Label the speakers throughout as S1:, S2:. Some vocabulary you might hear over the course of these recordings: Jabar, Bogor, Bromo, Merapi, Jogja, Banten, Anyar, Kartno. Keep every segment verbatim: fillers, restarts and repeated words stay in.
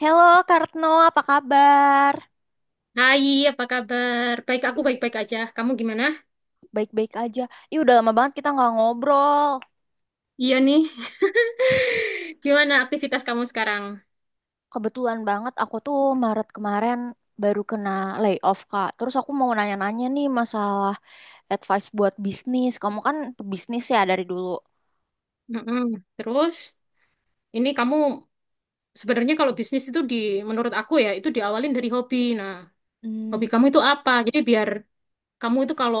S1: Halo Kartno, apa kabar?
S2: Hai, apa kabar? Baik, aku
S1: Ih,
S2: baik-baik aja. Kamu gimana?
S1: baik-baik aja. Ih, udah lama banget kita nggak ngobrol.
S2: Iya nih. Gimana aktivitas kamu sekarang?
S1: Kebetulan banget aku tuh Maret kemarin baru kena layoff, Kak. Terus aku mau nanya-nanya nih masalah advice buat bisnis. Kamu kan pebisnis ya dari dulu.
S2: Mm-mm. Terus, ini kamu sebenarnya kalau bisnis itu di, menurut aku ya, itu diawalin dari hobi. Nah, hobi
S1: Hmm,
S2: kamu itu apa? Jadi biar kamu itu kalau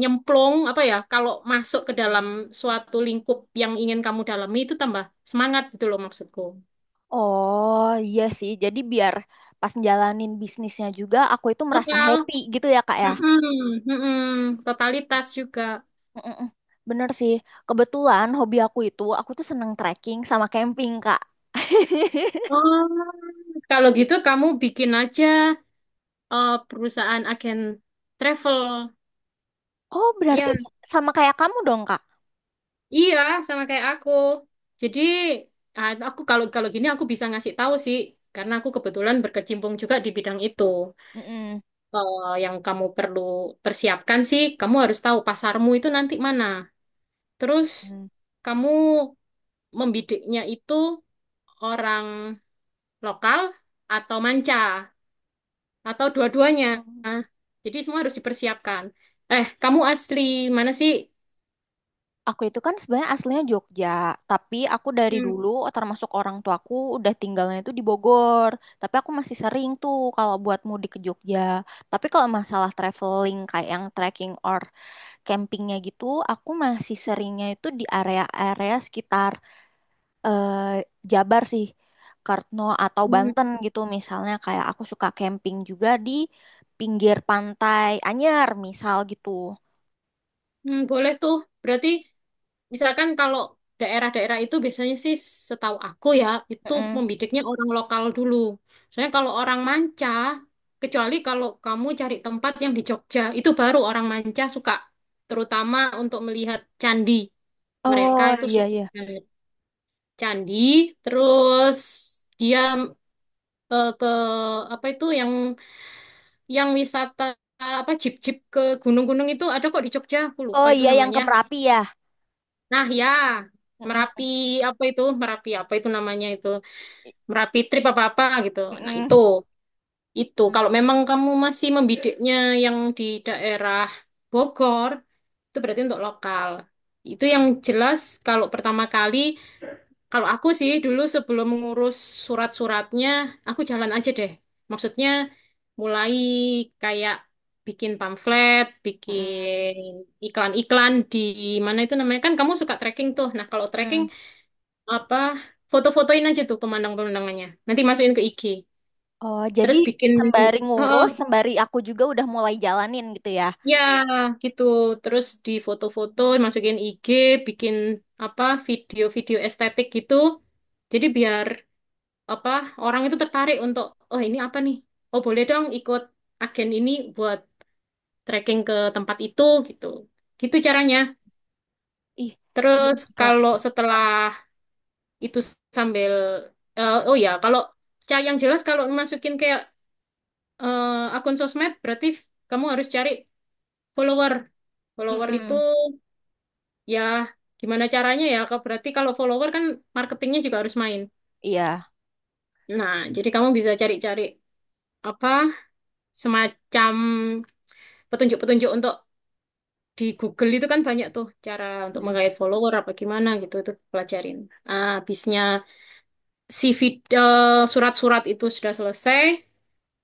S2: nyemplung, apa ya, kalau masuk ke dalam suatu lingkup yang ingin kamu dalami itu tambah semangat gitu loh maksudku.
S1: oh iya sih. Jadi biar pas jalanin bisnisnya juga aku itu merasa
S2: Total.
S1: happy gitu ya, Kak ya.
S2: Mm-mm. Mm-mm. Totalitas juga.
S1: Mm-mm. Bener sih. Kebetulan hobi aku itu aku tuh seneng trekking sama camping, Kak.
S2: Oh, kalau gitu kamu bikin aja eh, perusahaan agen travel.
S1: Oh, berarti
S2: Ya,
S1: s- sama kayak kamu dong, Kak.
S2: iya sama kayak aku. Jadi ah, aku kalau kalau gini aku bisa ngasih tahu sih karena aku kebetulan berkecimpung juga di bidang itu.
S1: Mm-mm.
S2: Eh, yang kamu perlu persiapkan sih, kamu harus tahu pasarmu itu nanti mana. Terus
S1: Hmm.
S2: kamu membidiknya itu orang lokal atau manca, atau dua-duanya. Jadi semua harus dipersiapkan. Eh, kamu asli mana sih?
S1: Aku itu kan sebenarnya aslinya Jogja, tapi aku dari
S2: Hmm,
S1: dulu termasuk orang tuaku udah tinggalnya itu di Bogor. Tapi aku masih sering tuh kalau buat mudik ke Jogja. Tapi kalau masalah traveling kayak yang trekking or campingnya gitu, aku masih seringnya itu di area-area sekitar eh, Jabar sih, Kartno atau
S2: hmm,
S1: Banten gitu misalnya kayak aku suka camping juga di pinggir pantai Anyar misal gitu.
S2: hmm, boleh tuh. Berarti misalkan kalau daerah-daerah itu biasanya sih setahu aku ya, itu
S1: Mm-mm.
S2: membidiknya orang lokal dulu. Soalnya kalau orang manca, kecuali kalau kamu cari tempat yang di Jogja, itu baru orang manca suka. Terutama untuk melihat candi. Mereka
S1: Oh
S2: itu
S1: iya
S2: suka
S1: iya.
S2: candi, terus dia eh, ke apa itu yang yang wisata apa jeep-jeep ke gunung-gunung itu ada kok di Jogja, aku lupa
S1: Oh
S2: itu
S1: iya yang ke
S2: namanya.
S1: Merapi ya.
S2: Nah, ya. Merapi
S1: Mm-mm.
S2: apa itu? Merapi apa itu namanya itu? Merapi trip apa-apa gitu. Nah, itu.
S1: Mm-mm.
S2: Itu kalau memang kamu masih membidiknya yang di daerah Bogor, itu berarti untuk lokal. Itu yang jelas kalau pertama kali kalau aku sih dulu sebelum mengurus surat-suratnya, aku jalan aja deh. Maksudnya mulai kayak bikin pamflet,
S1: Mm-mm.
S2: bikin iklan-iklan di mana itu namanya. Kan kamu suka trekking tuh. Nah, kalau trekking
S1: Mm-mm.
S2: apa foto-fotoin aja tuh pemandangan-pemandangannya. Nanti masukin ke I G.
S1: Oh jadi
S2: Terus bikin
S1: sembari
S2: oh,
S1: ngurus, sembari aku juga udah mulai jalanin gitu ya.
S2: ya gitu. Terus di foto-foto masukin I G, bikin apa video-video estetik gitu. Jadi biar apa orang itu tertarik untuk oh ini apa nih oh boleh dong ikut agen ini buat trekking ke tempat itu gitu gitu caranya.
S1: Ih, iya
S2: Terus
S1: sih Kak.
S2: kalau setelah itu sambil eh, oh ya kalau ca- yang jelas kalau masukin kayak eh, akun sosmed berarti f- kamu harus cari follower follower itu
S1: Mm-mm.
S2: ya gimana caranya ya Ke- berarti kalau follower kan marketingnya juga harus main.
S1: Iya.
S2: Nah jadi kamu bisa cari-cari apa semacam petunjuk-petunjuk untuk di Google itu kan banyak tuh cara untuk
S1: Mm-mm.
S2: menggait follower apa gimana gitu itu pelajarin. Nah, habisnya si vid- eh, surat-surat itu sudah selesai,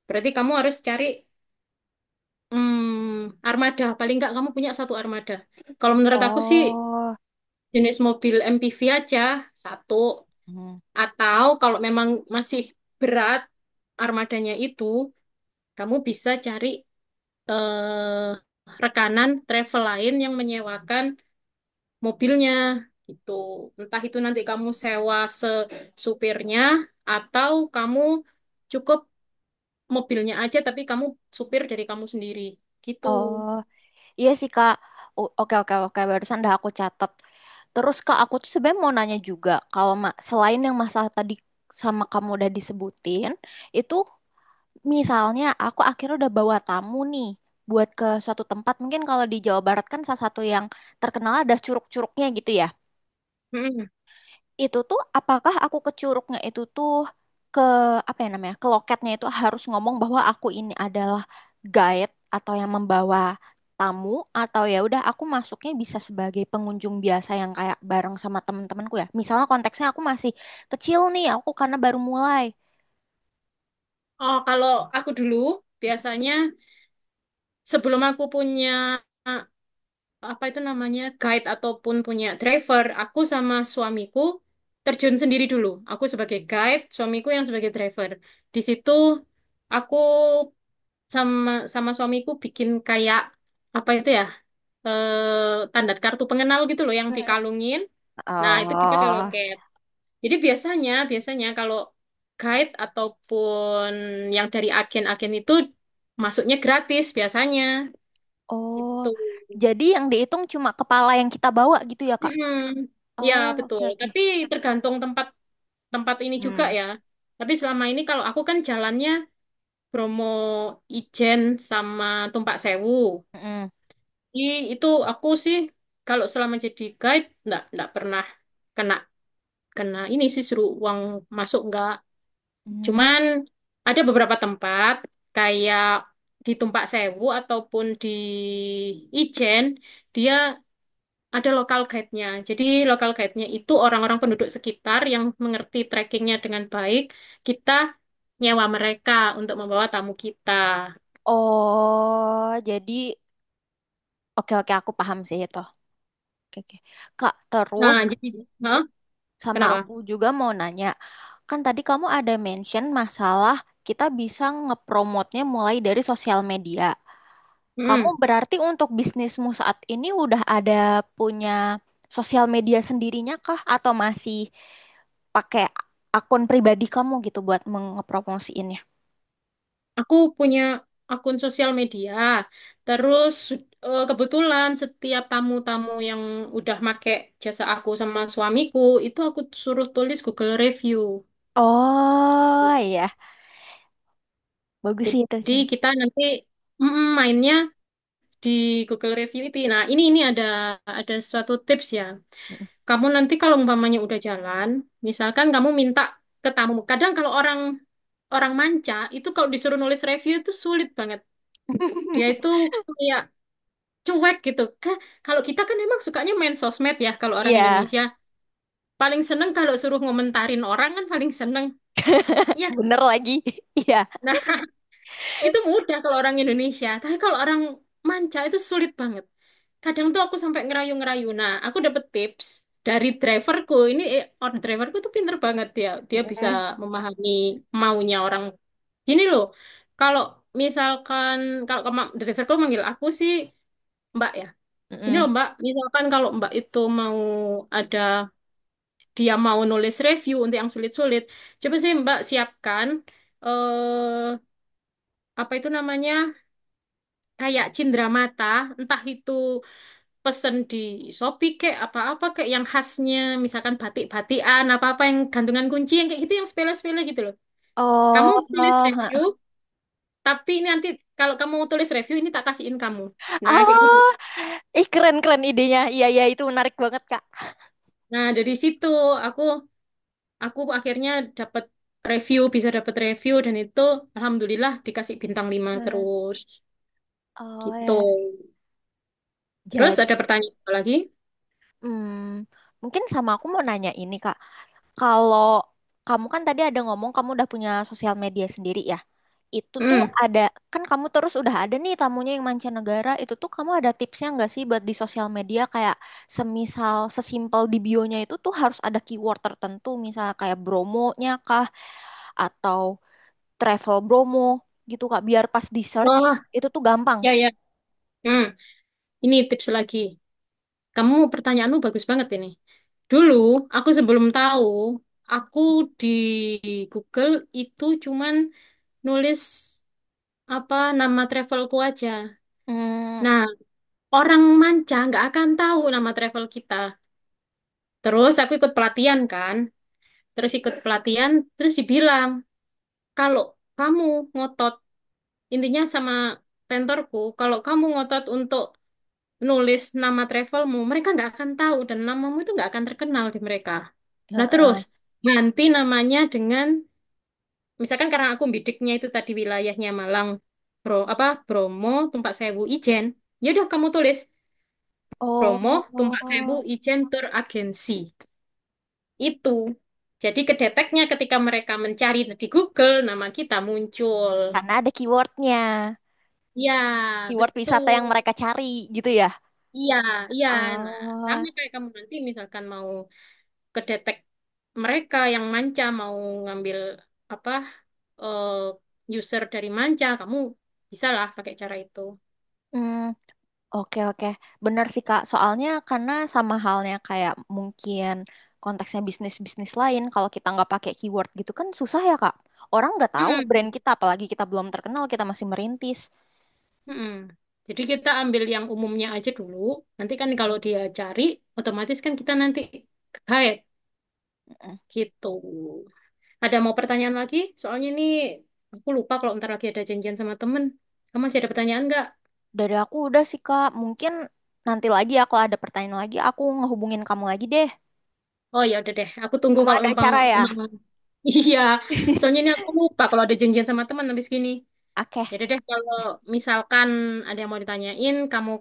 S2: berarti kamu harus cari mm, armada. Paling nggak kamu punya satu armada. Kalau menurut aku sih
S1: Oh.
S2: jenis mobil M P V aja satu.
S1: Mm.
S2: Atau kalau memang masih berat armadanya itu, kamu bisa cari eh, rekanan travel lain yang menyewakan mobilnya gitu. Entah itu nanti kamu sewa se supirnya atau kamu cukup mobilnya aja tapi kamu supir dari kamu sendiri gitu.
S1: Oh. Iya sih Kak. O- Oke oke oke barusan dah aku catat. Terus Kak aku tuh sebenarnya mau nanya juga kalau ma- selain yang masalah tadi sama kamu udah disebutin, itu misalnya aku akhirnya udah bawa tamu nih buat ke suatu tempat mungkin kalau di Jawa Barat kan salah satu yang terkenal ada curug-curugnya gitu ya
S2: Mm-mm.
S1: itu tuh apakah aku ke Curugnya itu tuh ke apa ya namanya ke loketnya itu harus ngomong bahwa aku ini adalah guide atau yang membawa tamu atau ya udah aku masuknya bisa sebagai pengunjung biasa yang kayak bareng sama temen temanku ya misalnya konteksnya aku masih kecil nih aku karena baru mulai.
S2: Oh, kalau aku dulu biasanya sebelum aku punya apa itu namanya guide ataupun punya driver, aku sama suamiku terjun sendiri dulu. Aku sebagai guide, suamiku yang sebagai driver. Di situ aku sama sama suamiku bikin kayak apa itu ya eh tanda kartu pengenal gitu loh yang
S1: Mm-mm.
S2: dikalungin. Nah itu kita ke
S1: Oh,
S2: loket, jadi biasanya biasanya kalau guide ataupun yang dari agen-agen itu masuknya gratis biasanya
S1: oh,
S2: gitu.
S1: jadi yang dihitung cuma kepala yang kita bawa gitu ya, Kak?
S2: Hmm, ya
S1: Oh, oke,
S2: betul.
S1: oke.
S2: Tapi tergantung tempat tempat ini juga
S1: Hmm.
S2: ya. Tapi selama ini kalau aku kan jalannya Bromo, Ijen sama Tumpak Sewu.
S1: Mm-mm.
S2: Ih, itu aku sih kalau selama jadi guide nggak nggak pernah kena kena ini sih suruh uang masuk nggak.
S1: Mm.
S2: Cuman ada beberapa tempat kayak di Tumpak Sewu ataupun di Ijen dia ada lokal guide-nya. Jadi lokal guide-nya itu orang-orang penduduk sekitar yang mengerti trekkingnya dengan baik. Kita nyewa mereka untuk membawa tamu kita.
S1: Oh, jadi oke, oke, aku paham sih itu. Oke, oke. Kak,
S2: Nah,
S1: terus
S2: jadi, hah?
S1: sama
S2: Kenapa?
S1: aku juga mau nanya. Kan tadi kamu ada mention masalah kita bisa ngepromotnya mulai dari sosial media. Kamu
S2: Mm-mm.
S1: berarti untuk bisnismu saat ini udah ada punya sosial media sendirinya kah? Atau masih pakai akun pribadi kamu gitu buat mengepromosiinnya?
S2: Aku punya akun sosial media. Terus eh, kebetulan setiap tamu-tamu yang udah make jasa aku sama suamiku itu aku suruh tulis Google review.
S1: Oh iya, bagus sih itu
S2: Jadi
S1: cara.
S2: kita nanti mm, mainnya di Google review itu. Nah, ini ini ada ada suatu tips ya. Kamu nanti kalau umpamanya udah jalan, misalkan kamu minta ke tamu. Kadang kalau orang orang manca itu kalau disuruh nulis review itu sulit banget. Dia itu kayak cuek gitu. Ka- Kalau kita kan emang sukanya main sosmed ya kalau orang
S1: Iya,
S2: Indonesia. Paling seneng kalau suruh ngomentarin orang kan paling seneng. Ya,
S1: bener lagi. Iya.
S2: nah, itu mudah kalau orang Indonesia. Tapi kalau orang manca itu sulit banget. Kadang tuh aku sampai ngerayu-ngerayu. Nah, aku dapet tips dari driverku. Ini eh, orang driverku tuh pinter banget dia. Dia bisa
S1: Mm-mm.
S2: memahami maunya orang. Gini loh, kalau misalkan kalau kema- driverku manggil aku sih Mbak ya. Gini
S1: Mm-mm.
S2: loh Mbak, misalkan kalau Mbak itu mau ada, dia mau nulis review untuk yang sulit-sulit, coba sih Mbak siapkan, eh, apa itu namanya, kayak cindramata, entah itu pesen di Shopee kayak apa-apa kayak yang khasnya, misalkan batik-batikan, apa-apa yang gantungan kunci, yang kayak gitu, yang sepele-sepele gitu loh. Kamu
S1: Oh,
S2: tulis
S1: oh,
S2: review,
S1: ha.
S2: tapi ini nanti kalau kamu tulis review, ini tak kasihin kamu. Nah, kayak gitu.
S1: Oh, ih keren keren idenya. Iya iya itu menarik banget Kak.
S2: Nah, dari situ aku aku akhirnya dapat review, bisa dapat review dan itu alhamdulillah dikasih bintang lima
S1: Hmm.
S2: terus
S1: Oh
S2: gitu.
S1: ya.
S2: Terus
S1: Jadi,
S2: ada pertanyaan apa lagi?
S1: hmm, mungkin sama aku mau nanya ini Kak. Kalau kamu kan tadi ada ngomong kamu udah punya sosial media sendiri ya. Itu tuh
S2: Hmm.
S1: ada kan kamu terus udah ada nih tamunya yang mancanegara. Itu tuh kamu ada tipsnya nggak sih buat di sosial media kayak semisal sesimpel di bio-nya itu tuh harus ada keyword tertentu, misal kayak bromonya kah? Atau travel Bromo gitu Kak, biar pas di search
S2: Wah,
S1: itu tuh gampang.
S2: ya ya. Hmm. Ini tips lagi. Kamu pertanyaanmu bagus banget ini. Dulu aku sebelum tahu, aku di Google itu cuman nulis apa nama travelku aja.
S1: Hmm,
S2: Nah, orang manca nggak akan tahu nama travel kita. Terus aku ikut pelatihan kan, terus ikut pelatihan, terus dibilang, kalau kamu ngotot, intinya sama tentorku, kalau kamu ngotot untuk nulis nama travelmu, mereka nggak akan tahu dan namamu itu nggak akan terkenal di mereka. Nah terus,
S1: heeh.
S2: ganti namanya dengan, misalkan karena aku bidiknya itu tadi wilayahnya Malang, Bro, apa Bromo, Tumpak Sewu, Ijen, ya udah kamu tulis Bromo,
S1: Oh,
S2: Tumpak Sewu, Ijen Tour Agency. Itu. Jadi kedeteknya ketika mereka mencari di Google, nama kita muncul.
S1: karena ada keywordnya,
S2: Ya,
S1: keyword wisata yang
S2: betul.
S1: mereka cari gitu ya.
S2: Iya, iya. Nah,
S1: Oh,
S2: sama kayak kamu nanti misalkan mau kedetek mereka yang manca, mau ngambil apa eh, user dari manca, kamu bisa lah pakai cara itu.
S1: hmm, oke oke, benar sih Kak. Soalnya karena sama halnya kayak mungkin konteksnya bisnis-bisnis lain, kalau kita nggak pakai keyword gitu kan susah ya Kak. Orang nggak tahu brand
S2: Mm-mm,
S1: kita, apalagi kita belum terkenal, kita masih merintis.
S2: mm-mm. Jadi kita ambil yang umumnya aja dulu. Nanti kan kalau dia cari, otomatis kan kita nanti guide gitu. Ada mau pertanyaan lagi? Soalnya ini aku lupa kalau ntar lagi ada janjian sama temen. Kamu masih ada pertanyaan nggak?
S1: Dari aku udah sih Kak, mungkin nanti lagi ya kalau ada pertanyaan lagi aku ngehubungin kamu lagi deh.
S2: Oh ya udah deh, aku tunggu
S1: Kamu
S2: kalau
S1: ada
S2: memang
S1: acara ya?
S2: emang iya. Soalnya ini aku lupa kalau ada janjian sama teman habis gini.
S1: Oke.
S2: Ya udah deh kalau misalkan ada yang mau ditanyain, kamu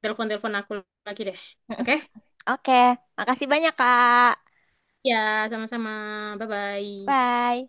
S2: telepon-telepon aku lagi deh.
S1: Mm-mm.
S2: Oke?
S1: Oke, makasih banyak Kak.
S2: Ya, sama-sama. Bye-bye.
S1: Bye.